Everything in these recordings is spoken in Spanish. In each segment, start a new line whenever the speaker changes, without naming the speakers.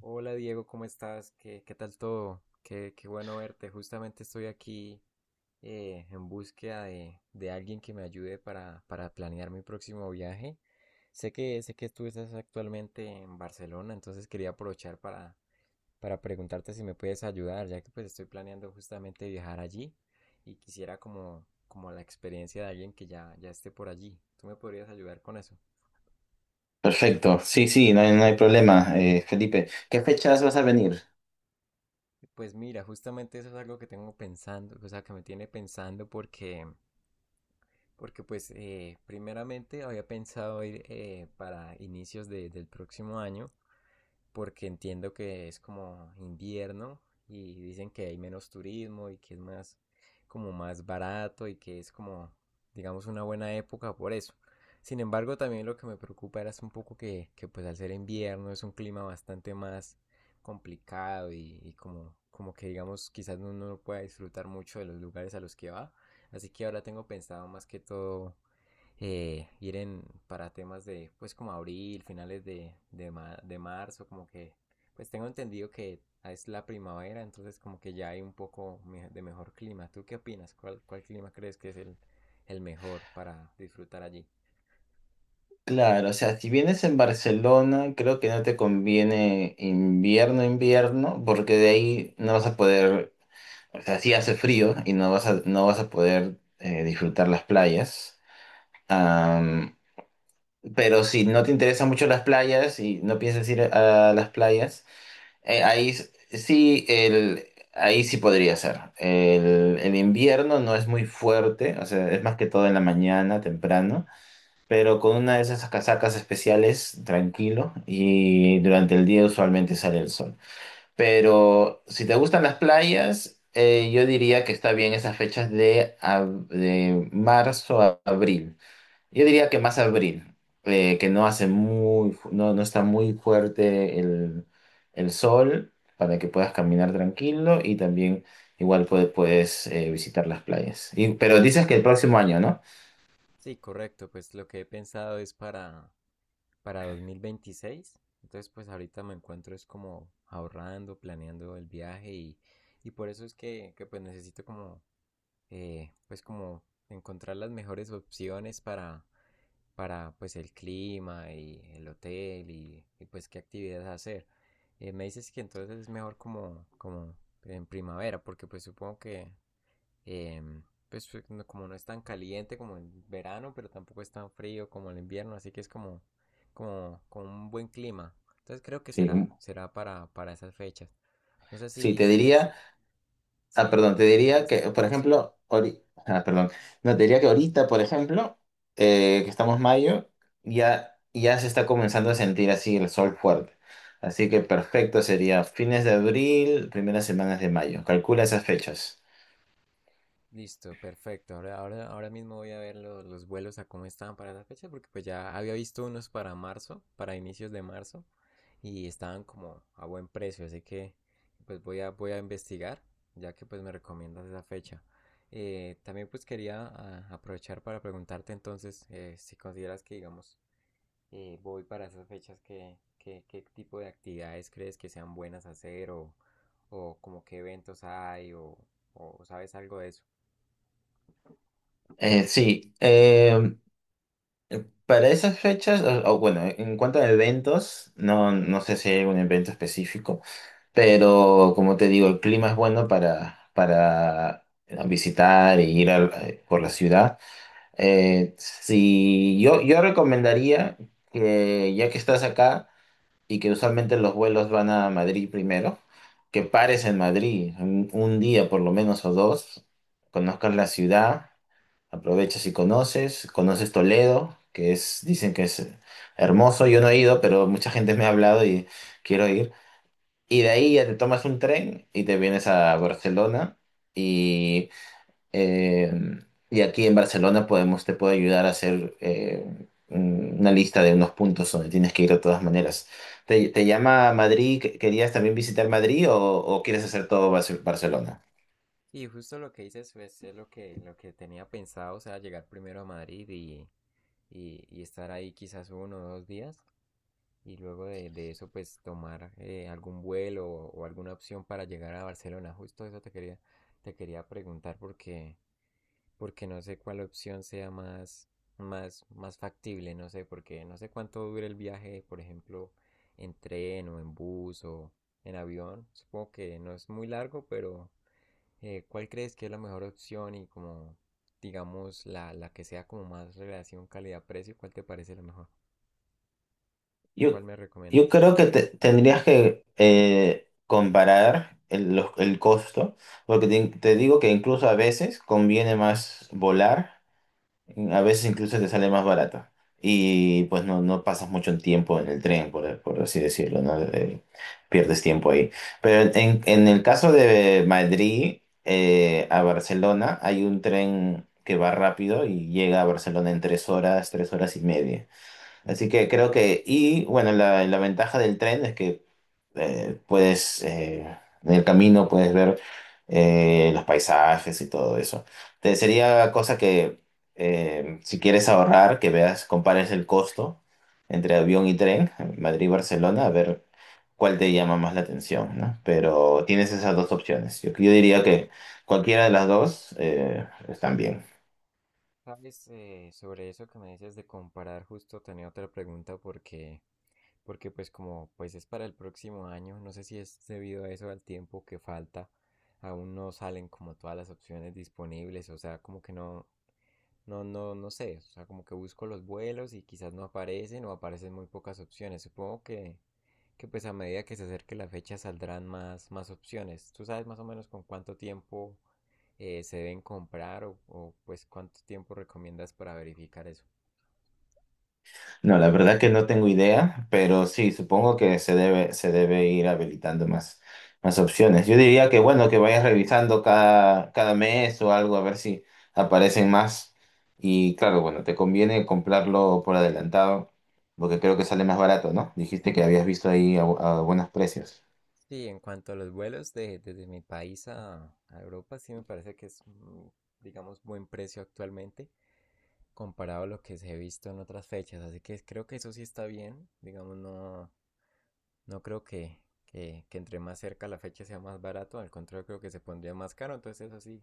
Hola Diego, ¿cómo estás? ¿Qué tal todo? Qué bueno verte. Justamente estoy aquí en búsqueda de alguien que me ayude para planear mi próximo viaje. Sé que tú estás actualmente en Barcelona, entonces quería aprovechar para preguntarte si me puedes ayudar, ya que pues estoy planeando justamente viajar allí y quisiera como la experiencia de alguien que ya esté por allí. ¿Tú me podrías ayudar con eso?
Perfecto, sí, sí, no hay problema, Felipe. ¿Qué fechas vas a venir?
Pues mira, justamente eso es algo que tengo pensando, o sea, que me tiene pensando porque pues primeramente había pensado ir para inicios del próximo año, porque entiendo que es como invierno y dicen que hay menos turismo y que es más como más barato y que es como digamos una buena época por eso. Sin embargo, también lo que me preocupa era es un poco que, pues al ser invierno es un clima bastante más complicado y como que digamos quizás uno no pueda disfrutar mucho de los lugares a los que va. Así que ahora tengo pensado más que todo ir para temas de, pues como abril, finales de marzo, como que, pues tengo entendido que es la primavera, entonces como que ya hay un poco de mejor clima. ¿Tú qué opinas? ¿Cuál clima crees que es el mejor para disfrutar allí?
Claro, o sea, si vienes en Barcelona, creo que no te conviene invierno, invierno, porque de ahí no vas a poder, o sea, sí hace frío y no vas a poder disfrutar las playas. Am, pero si no te interesan mucho las playas y no piensas ir a las playas, Ahí sí, ahí sí podría ser. El invierno no es muy fuerte, o sea, es más que todo en la mañana, temprano, pero con una de esas casacas especiales, tranquilo, y durante el día usualmente sale el sol. Pero si te gustan las playas, yo diría que está bien esas fechas de, de marzo a abril. Yo diría que más abril, que no hace muy, no está muy fuerte el sol para que puedas caminar tranquilo y también igual puedes visitar las playas. Pero dices que el próximo año, ¿no?
Sí, correcto, pues lo que he pensado es para, 2026. Entonces, pues ahorita me encuentro es como ahorrando, planeando el viaje y por eso es que pues necesito como pues como encontrar las mejores opciones para pues el clima y el hotel y pues qué actividades hacer. Me dices que entonces es mejor como en primavera, porque pues supongo que em, pues como no es tan caliente como el verano, pero tampoco es tan frío como el invierno, así que es como un buen clima. Entonces creo que
Sí, mm,
será para esas fechas. No sé
sí,
si,
te
si,
diría.
si,
Ah,
si
perdón, te diría que,
consideras,
por
¿sí?
ejemplo, ah, perdón, no, te diría que ahorita, por ejemplo, que estamos mayo, ya se está comenzando a sentir así el sol fuerte. Así que perfecto sería fines de abril, primeras semanas de mayo. Calcula esas fechas.
Listo, perfecto. Ahora mismo voy a ver los vuelos a cómo estaban para esa fecha, porque pues ya había visto unos para marzo, para inicios de marzo, y estaban como a buen precio, así que pues voy a investigar, ya que pues me recomiendas esa fecha. También pues quería aprovechar para preguntarte entonces si consideras que digamos voy para esas fechas, qué tipo de actividades crees que sean buenas hacer o como qué eventos hay o sabes algo de eso.
Sí, para esas fechas, o bueno, en cuanto a eventos, no sé si hay algún evento específico, pero como te digo, el clima es bueno para visitar e ir por la ciudad. Si yo recomendaría que ya que estás acá y que usualmente los vuelos van a Madrid primero, que pares en Madrid un día por lo menos o dos, conozcas la ciudad, aprovechas y conoces Toledo, que es, dicen que es hermoso, yo no he ido, pero mucha gente me ha hablado y quiero ir. Y de ahí ya te tomas un tren y te vienes a Barcelona. Y eh, y aquí en Barcelona podemos, te puedo ayudar a hacer una lista de unos puntos donde tienes que ir de todas maneras. ¿Te llama Madrid? ¿Querías también visitar Madrid o quieres hacer todo Barcelona?
Sí, justo lo que dices pues, es lo que tenía pensado, o sea, llegar primero a Madrid y estar ahí quizás uno o dos días y luego de eso pues tomar algún vuelo o alguna opción para llegar a Barcelona. Justo eso te quería preguntar porque, no sé cuál opción sea más factible, no sé, porque no sé cuánto dura el viaje, por ejemplo, en tren o en bus o en avión. Supongo que no es muy largo, pero ¿cuál crees que es la mejor opción y como, digamos, la que sea como más relación calidad-precio, cuál te parece la mejor?
Yo,
¿Cuál me
yo
recomiendas?
creo que tendrías que comparar el costo, porque te digo que incluso a veces conviene más volar. A veces incluso te sale más barato. Y pues no pasas mucho tiempo en el tren, por así decirlo, ¿no? Pierdes tiempo ahí. Pero en el caso de Madrid a Barcelona, hay un tren que va rápido y llega a Barcelona en 3 horas, 3 horas y media. Así que creo que, y bueno, la ventaja del tren es que eh, puedes, eh, en el camino puedes ver los paisajes y todo eso. Te sería cosa que si quieres ahorrar, que veas, compares el costo entre avión y tren, Madrid-Barcelona, a ver cuál te llama más la atención, ¿no? Pero tienes esas dos opciones. Yo diría que cualquiera de las dos están bien.
Sabes, sobre eso que me dices de comparar, justo tenía otra pregunta porque, pues como pues es para el próximo año, no sé si es debido a eso al tiempo que falta, aún no salen como todas las opciones disponibles, o sea, como que no. No, no, no sé, o sea, como que busco los vuelos y quizás no aparecen o aparecen muy pocas opciones. Supongo que pues a medida que se acerque la fecha saldrán más opciones. ¿Tú sabes más o menos con cuánto tiempo se deben comprar o, pues cuánto tiempo recomiendas para verificar eso?
No, la verdad que no tengo idea, pero sí, supongo que se debe ir habilitando más opciones. Yo diría que bueno, que vayas revisando cada mes o algo a ver si aparecen más. Y claro, bueno, te conviene comprarlo por adelantado, porque creo que sale más barato, ¿no? Dijiste que habías visto ahí a buenos precios.
Sí, en cuanto a los vuelos desde mi país a Europa, sí me parece que es, digamos, buen precio actualmente comparado a lo que se ha visto en otras fechas. Así que creo que eso sí está bien, digamos, no. No creo que entre más cerca la fecha sea más barato, al contrario creo que se pondría más caro, entonces eso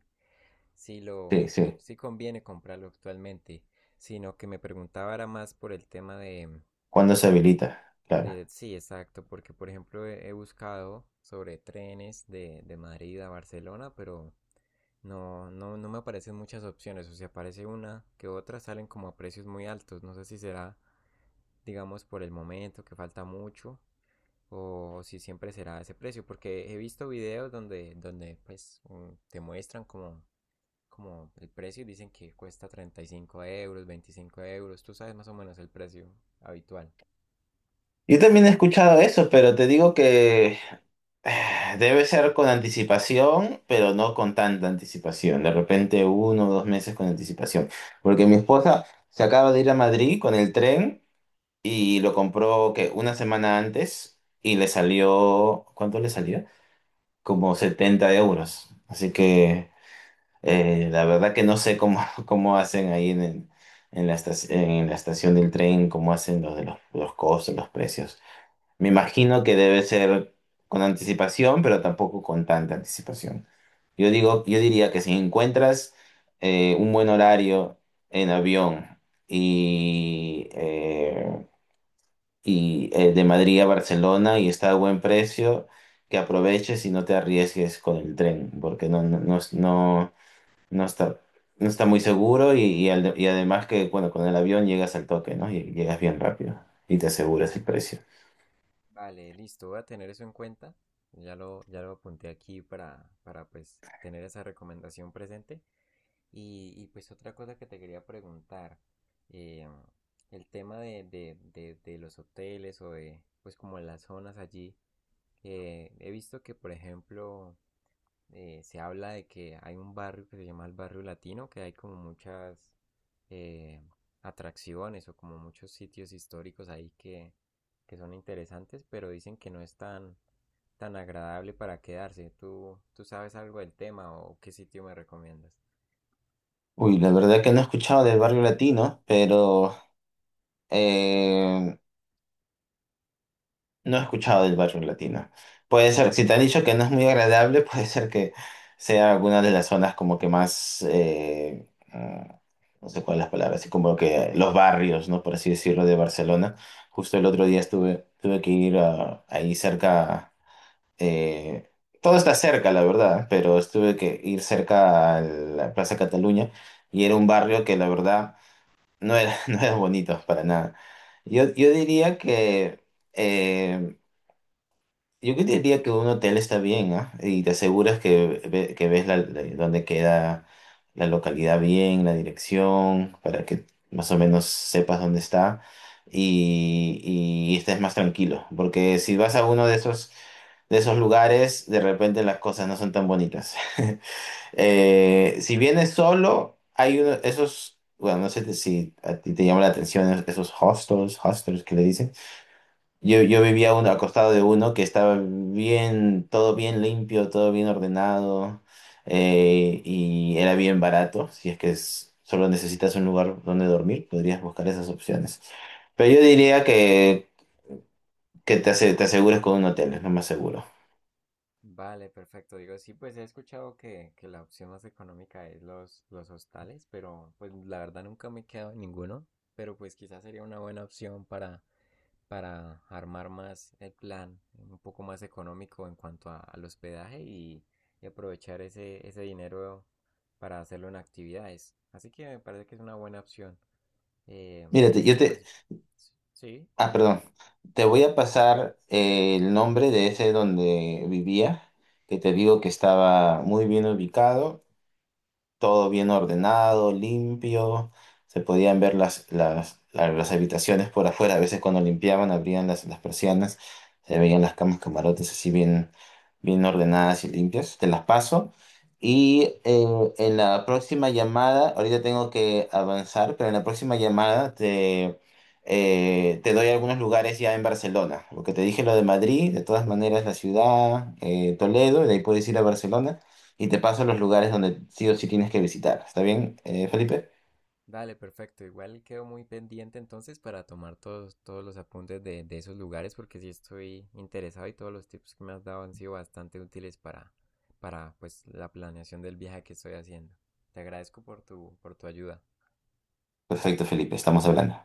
sí
Sí,
lo,
sí.
sí conviene comprarlo actualmente, sino que me preguntaba era más por el tema de,
¿Cuándo se habilita? Claro.
de Sí, exacto. Porque por ejemplo he buscado sobre trenes de Madrid a Barcelona, pero no, no, no me aparecen muchas opciones, o sea, aparece una que otras salen como a precios muy altos, no sé si será, digamos, por el momento que falta mucho o si siempre será ese precio, porque he visto videos donde pues te muestran como el precio y dicen que cuesta 35 euros, 25 euros, tú sabes más o menos el precio habitual.
Yo también he escuchado eso, pero te digo que debe ser con anticipación, pero no con tanta anticipación. De repente 1 o 2 meses con anticipación. Porque mi esposa se acaba de ir a Madrid con el tren y lo compró que 1 semana antes y le salió, ¿cuánto le salió? Como 70 euros. Así que la verdad que no sé cómo, cómo hacen ahí en la estación del tren, cómo hacen los de los costos, los precios. Me imagino que debe ser con anticipación, pero tampoco con tanta anticipación. Yo digo, yo diría que si encuentras un buen horario en avión y, eh, y de Madrid a Barcelona y está a buen precio, que aproveches y no te arriesgues con el tren, porque no está, no está muy seguro y además que bueno, con el avión llegas al toque, ¿no? Y llegas bien rápido y te aseguras el precio.
Vale, listo, voy a tener eso en cuenta, ya lo apunté aquí para pues tener esa recomendación presente. Y pues otra cosa que te quería preguntar, eh, el tema de los hoteles o de pues como las zonas allí. He visto que, por ejemplo, se habla de que hay un barrio que se llama el barrio latino, que hay como muchas eh, atracciones o como muchos sitios históricos ahí que son interesantes, pero dicen que no es tan agradable para quedarse. ¿Tú sabes algo del tema o qué sitio me recomiendas?
Uy, la verdad que no he escuchado del barrio latino, pero eh, no he escuchado del barrio latino. Puede ser, si te han dicho que no es muy agradable, puede ser que sea alguna de las zonas como que más, no sé cuál es la palabra, así como que los barrios, ¿no? Por así decirlo, de Barcelona. Justo el otro día estuve, tuve que ir ahí cerca, eh, todo está cerca, la verdad, pero tuve que ir cerca a la Plaza Cataluña y era un barrio que la verdad no era, no eran bonitos para nada. Yo diría que eh, yo que diría que un hotel está bien, ¿ah? Y te aseguras que, que ves dónde queda la localidad bien, la dirección, para que más o menos sepas dónde está y, y estés más tranquilo. Porque si vas a uno de esos lugares, de repente las cosas no son tan bonitas. Si vienes solo, hay uno, esos, bueno, no sé si a ti te llama la atención esos hostels, hostels que le dicen. Yo vivía uno, acostado de uno que estaba bien, todo bien limpio, todo bien ordenado, y era bien barato. Si es que solo necesitas un lugar donde dormir, podrías buscar esas opciones. Pero yo diría que, te, te asegures con un hotel, es lo más seguro.
Vale, perfecto. Digo, sí, pues he escuchado que la opción más económica es los hostales, pero pues la verdad nunca me he quedado en ninguno, pero pues quizás sería una buena opción para armar más el plan, un poco más económico en cuanto al hospedaje y aprovechar ese dinero para hacerlo en actividades. Así que me parece que es una buena opción. Eh,
Mírate,
así
yo
que
te.
pues sí,
Ah, perdón. Te voy a pasar el nombre de ese donde vivía, que te digo que estaba muy bien ubicado, todo bien ordenado, limpio. Se podían ver las las habitaciones por afuera. A veces cuando limpiaban, abrían las persianas, se veían las camas, camarotes así bien, bien ordenadas y limpias. Te las paso. Y en la próxima llamada, ahorita tengo que avanzar, pero en la próxima llamada te doy algunos lugares ya en Barcelona. Lo que te dije, lo de Madrid, de todas maneras la ciudad, Toledo, y de ahí puedes ir a Barcelona y te paso los lugares donde sí o sí tienes que visitar. ¿Está bien, Felipe?
dale, perfecto. Igual quedo muy pendiente entonces para tomar todos los apuntes de esos lugares porque sí estoy interesado y todos los tips que me has dado han sido bastante útiles para pues la planeación del viaje que estoy haciendo. Te agradezco por tu ayuda.
Perfecto, Felipe, estamos hablando.